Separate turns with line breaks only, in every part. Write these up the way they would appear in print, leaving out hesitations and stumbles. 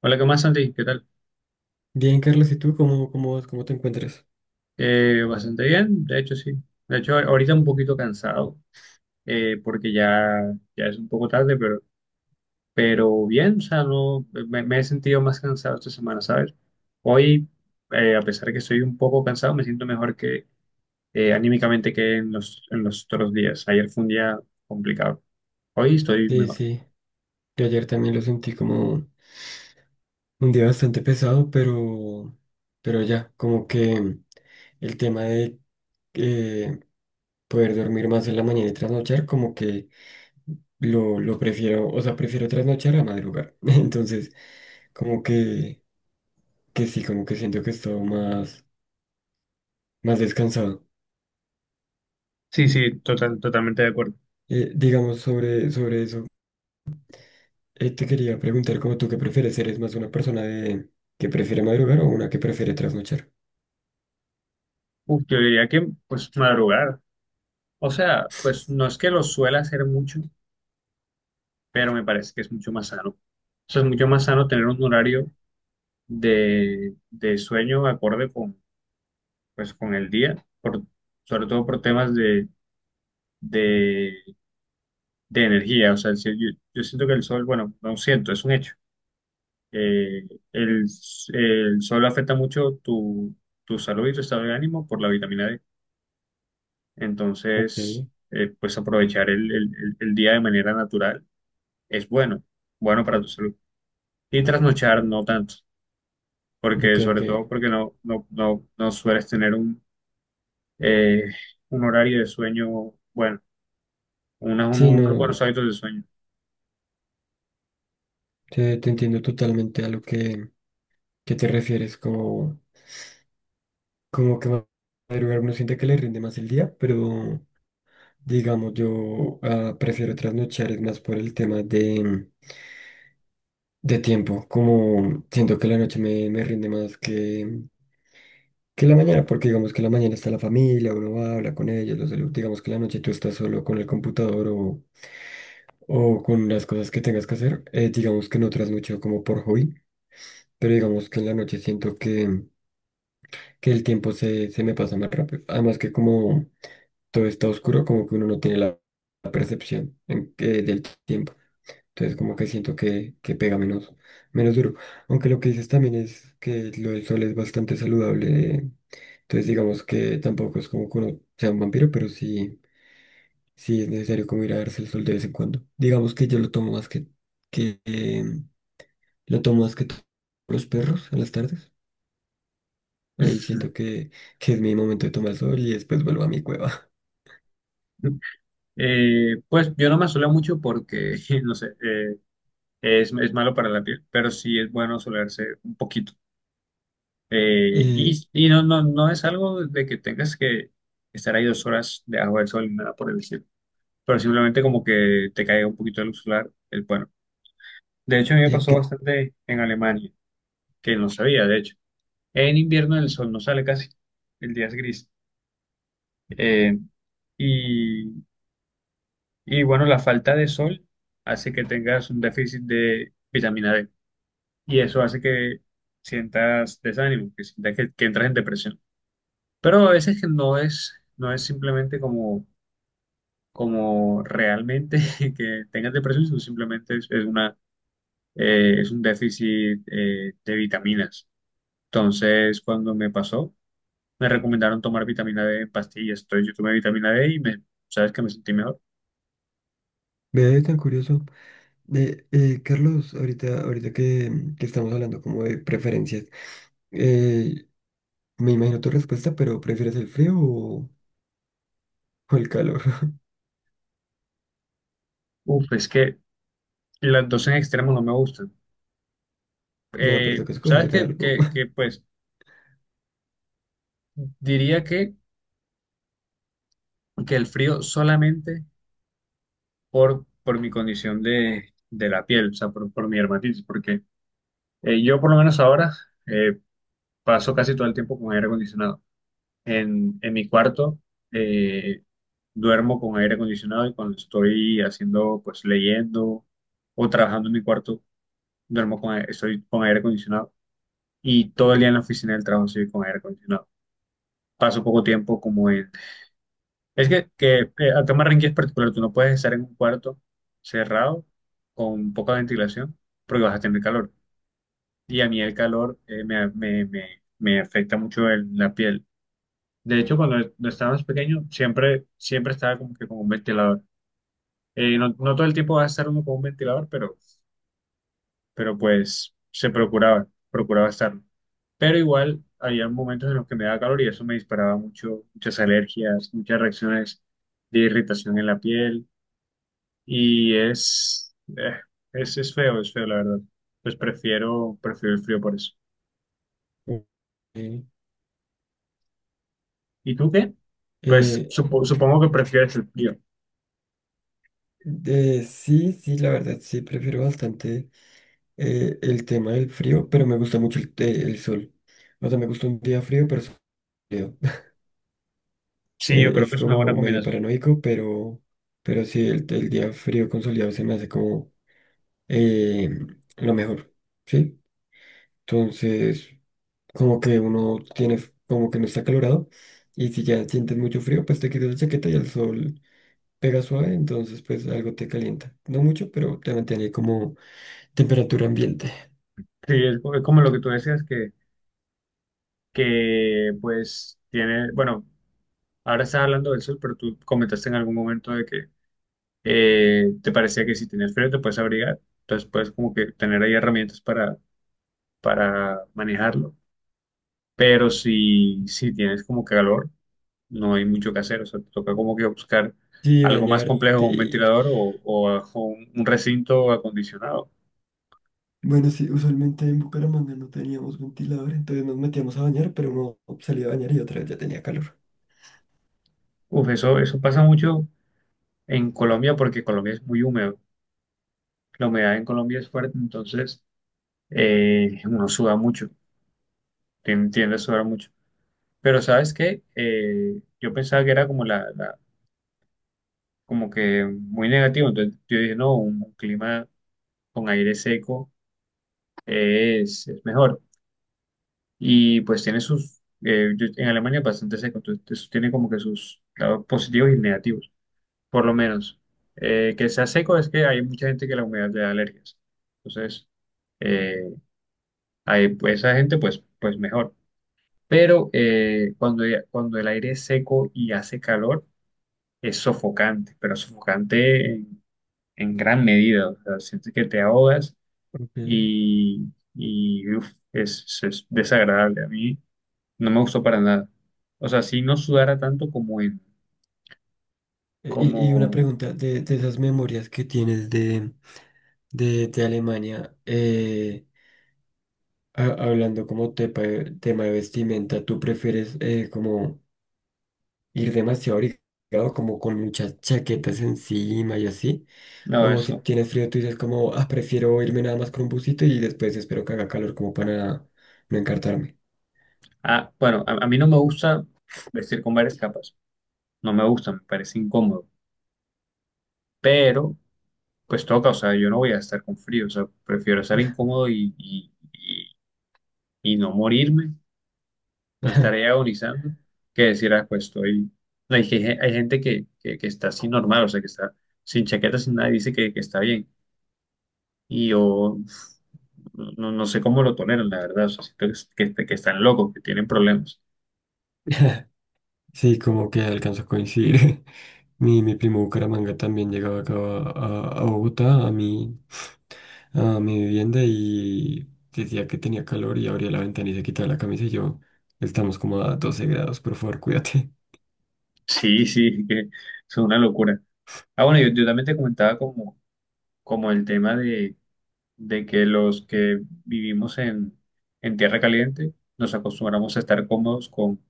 Hola, ¿qué más, Santi? ¿Qué tal?
Bien, Carlos, ¿y tú cómo vas? ¿Cómo te encuentras?
Bastante bien, de hecho, sí. De hecho, ahorita un poquito cansado, porque ya es un poco tarde, pero bien, o sea, no, me he sentido más cansado esta semana, ¿sabes? Hoy, a pesar de que estoy un poco cansado, me siento mejor que anímicamente que en en los otros días. Ayer fue un día complicado. Hoy estoy
Sí,
mejor.
sí. Yo ayer también lo sentí como un día bastante pesado, pero ya, como que el tema de eh, poder dormir más en la mañana y trasnochar, como que lo prefiero, o sea, prefiero trasnochar a madrugar. Entonces, como que, que sí, como que siento que he estado más descansado.
Sí, sí, totalmente de acuerdo.
Digamos sobre eso. Te quería preguntar, ¿cómo tú qué prefieres? ¿Eres más una persona de que prefiere madrugar o una que prefiere trasnochar?
Uf, yo diría que, pues, madrugar. O sea, pues no es que lo suela hacer mucho, pero me parece que es mucho más sano. O sea, es mucho más sano tener un horario de sueño acorde con, pues, con el día, sobre todo por temas de, de energía. O sea, si yo, yo siento que el sol, bueno, no siento, es un hecho. Eh, el, el sol afecta mucho tu salud y tu estado de ánimo por la vitamina D.
Ok,
Entonces, pues aprovechar el día de manera natural es bueno para tu salud. Y trasnochar no tanto, porque
ok, ok.
sobre todo porque no sueles tener eh, un horario de sueño, bueno,
Sí,
unos buenos
no,
hábitos de sueño.
te entiendo totalmente a lo que te refieres, como que madrugar uno siente que le rinde más el día, pero digamos, yo prefiero trasnochar, es más por el tema de tiempo, como siento que la noche me rinde más que en la mañana, porque digamos que en la mañana está la familia, uno va, habla con ellos, los saluda, digamos que en la noche tú estás solo con el computador o con las cosas que tengas que hacer, digamos que no trasnocho como por hobby, pero digamos que en la noche siento que el tiempo se me pasa más rápido, además que como todo está oscuro, como que uno no tiene la percepción del tiempo, entonces como que siento que pega menos, menos duro, aunque lo que dices también es que lo del sol es bastante saludable. Entonces digamos que tampoco es como que uno sea un vampiro, pero sí, sí es necesario como ir a darse el sol de vez en cuando. Digamos que yo lo tomo más que lo tomo más que los perros en las tardes. Ahí siento que es mi momento de tomar sol y después vuelvo a mi cueva.
Pues yo no me asoleo mucho porque, no sé, es malo para la piel, pero sí es bueno asolearse un poquito.
Eh,
Y no es algo de que tengas que estar ahí dos horas debajo del sol ni nada por el estilo, pero simplemente como que te caiga un poquito de luz solar, es bueno. De hecho, a mí me pasó
que
bastante en Alemania, que no sabía, de hecho. En invierno el sol no sale casi, el día es gris. Eh, y, y bueno, la falta de sol hace que tengas un déficit de vitamina D y eso hace que sientas desánimo, que sientas que entras en depresión. Pero a veces que no es simplemente como, como realmente que tengas depresión, sino simplemente es una, es un déficit de vitaminas. Entonces, cuando me pasó, me recomendaron tomar vitamina D en pastillas, entonces yo tomé vitamina D y me, sabes que me sentí mejor.
me ve tan curioso. Carlos, ahorita que, que estamos hablando como de preferencias, eh, me imagino tu respuesta, pero ¿prefieres el frío o el calor?
Uf, es que las dos en extremos no me gustan.
No, pero tengo que
Sabes
escoger algo.
pues diría que el frío solamente por mi condición de la piel, o sea, por mi dermatitis, porque yo por lo menos ahora eh, paso casi todo el tiempo con aire acondicionado. En mi cuarto eh, duermo con aire acondicionado, y cuando estoy haciendo, pues leyendo o trabajando en mi cuarto duermo con aire, estoy con aire acondicionado, y todo el día en la oficina del trabajo estoy con aire acondicionado. Paso poco tiempo como en... Es que acá en Barranquilla es particular, tú no puedes estar en un cuarto cerrado con poca ventilación porque vas a tener calor. Y a mí el calor me afecta mucho en la piel. De hecho, cuando no estaba más pequeño, siempre estaba como que con un ventilador. No, no todo el tiempo vas a estar uno con un ventilador, pero pues se procuraba estarlo. Pero igual había momentos en los que me daba calor y eso me disparaba mucho, muchas alergias, muchas reacciones de irritación en la piel, y es feo la verdad. Pues prefiero el frío por eso.
Ok.
¿Y tú qué? Pues
Eh,
supongo que prefieres el frío.
sí, sí, la verdad, sí, prefiero bastante el tema del frío, pero me gusta mucho el, el sol. O sea, me gusta un día frío, pero soleado.
Sí, yo creo
Es
que es una buena
como medio
combinación.
paranoico, pero sí, el día frío con soleado se me hace como eh, lo mejor, ¿sí? Entonces, como que uno tiene, como que no está acalorado, y si ya sientes mucho frío, pues te quitas la chaqueta y el sol pega suave, entonces pues algo te calienta. No mucho, pero te mantiene como temperatura ambiente.
Sí, es como lo que tú decías que pues tiene, bueno, ahora estás hablando del sol, pero tú comentaste en algún momento de que te parecía que si tienes frío te puedes abrigar, entonces puedes como que tener ahí herramientas para manejarlo, pero si tienes como que calor, no hay mucho que hacer, o sea, te toca como que buscar
Sí,
algo más
bañarte.
complejo como un
Y,
ventilador o, un recinto acondicionado.
bueno, sí, usualmente en Bucaramanga no teníamos ventilador, entonces nos metíamos a bañar, pero uno salía a bañar y otra vez ya tenía calor.
Uf, eso pasa mucho en Colombia porque Colombia es muy húmedo, la humedad en Colombia es fuerte, entonces uno suda mucho, tiende a sudar mucho. Pero ¿sabes qué? Yo pensaba que era como como que muy negativo. Entonces yo dije, no, un, clima con aire seco es mejor. Y pues tiene sus, en Alemania es bastante seco, entonces eso tiene como que sus lados positivos y negativos, por lo menos. Que sea seco es que hay mucha gente que la humedad le da alergias. Entonces, eh, hay, pues, esa gente pues, pues mejor. Pero cuando el aire es seco y hace calor, es sofocante, pero sofocante en gran medida. O sea, sientes que te ahogas
Ok. E,
y, uf, es desagradable. A mí no me gustó para nada. O sea, si no sudara tanto
y una
como,
pregunta de esas memorias que tienes de Alemania, hablando como tema de vestimenta, ¿tú prefieres como ir demasiado abrigado, como con muchas chaquetas encima y así?
no,
O si
eso.
tienes frío, tú dices como, ah, prefiero irme nada más con un busito y después espero que haga calor como para no encartarme.
Ah, bueno, a mí no me gusta vestir con varias capas. No me gusta, me parece incómodo. Pero, pues toca, o sea, yo no voy a estar con frío. O sea, prefiero estar incómodo y no morirme, no estaré agonizando, que decir, ah, pues estoy. No, hay, hay gente que está así normal, o sea, que está sin chaqueta, sin nada, y dice que está bien. Y yo uf, no, no sé cómo lo toleran, la verdad, o sea, siento que están locos, que tienen problemas.
Sí, como que alcanzo a coincidir. Mi primo Bucaramanga también llegaba acá a Bogotá, a mi vivienda y decía que tenía calor y abría la ventana y se quitaba la camisa y yo, estamos como a 12 grados, por favor, cuídate.
Sí, sí, que es una locura. Ah, bueno, yo también te comentaba como, como el tema de que los que vivimos en tierra caliente nos acostumbramos a estar cómodos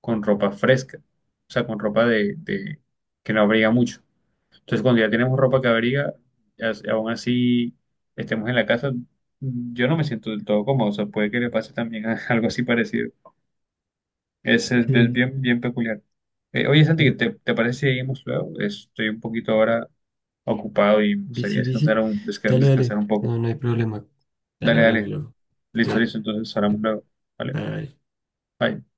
con ropa fresca, o sea, con ropa que no abriga mucho. Entonces, cuando ya tenemos ropa que abriga, aún así estemos en la casa, yo no me siento del todo cómodo, o sea, puede que le pase también algo así parecido. Es
Sí,
bien, bien peculiar. Oye, Santi,
sí.
te parece si seguimos luego? Estoy un poquito ahora ocupado y me gustaría
Bici,
descansar
bici. Dale,
descansar
dale.
un poco.
No, no hay problema. Dale,
Dale,
hablamos
dale.
luego.
Listo,
Cuídate.
listo, entonces hablamos luego. Vale,
Bye.
bye.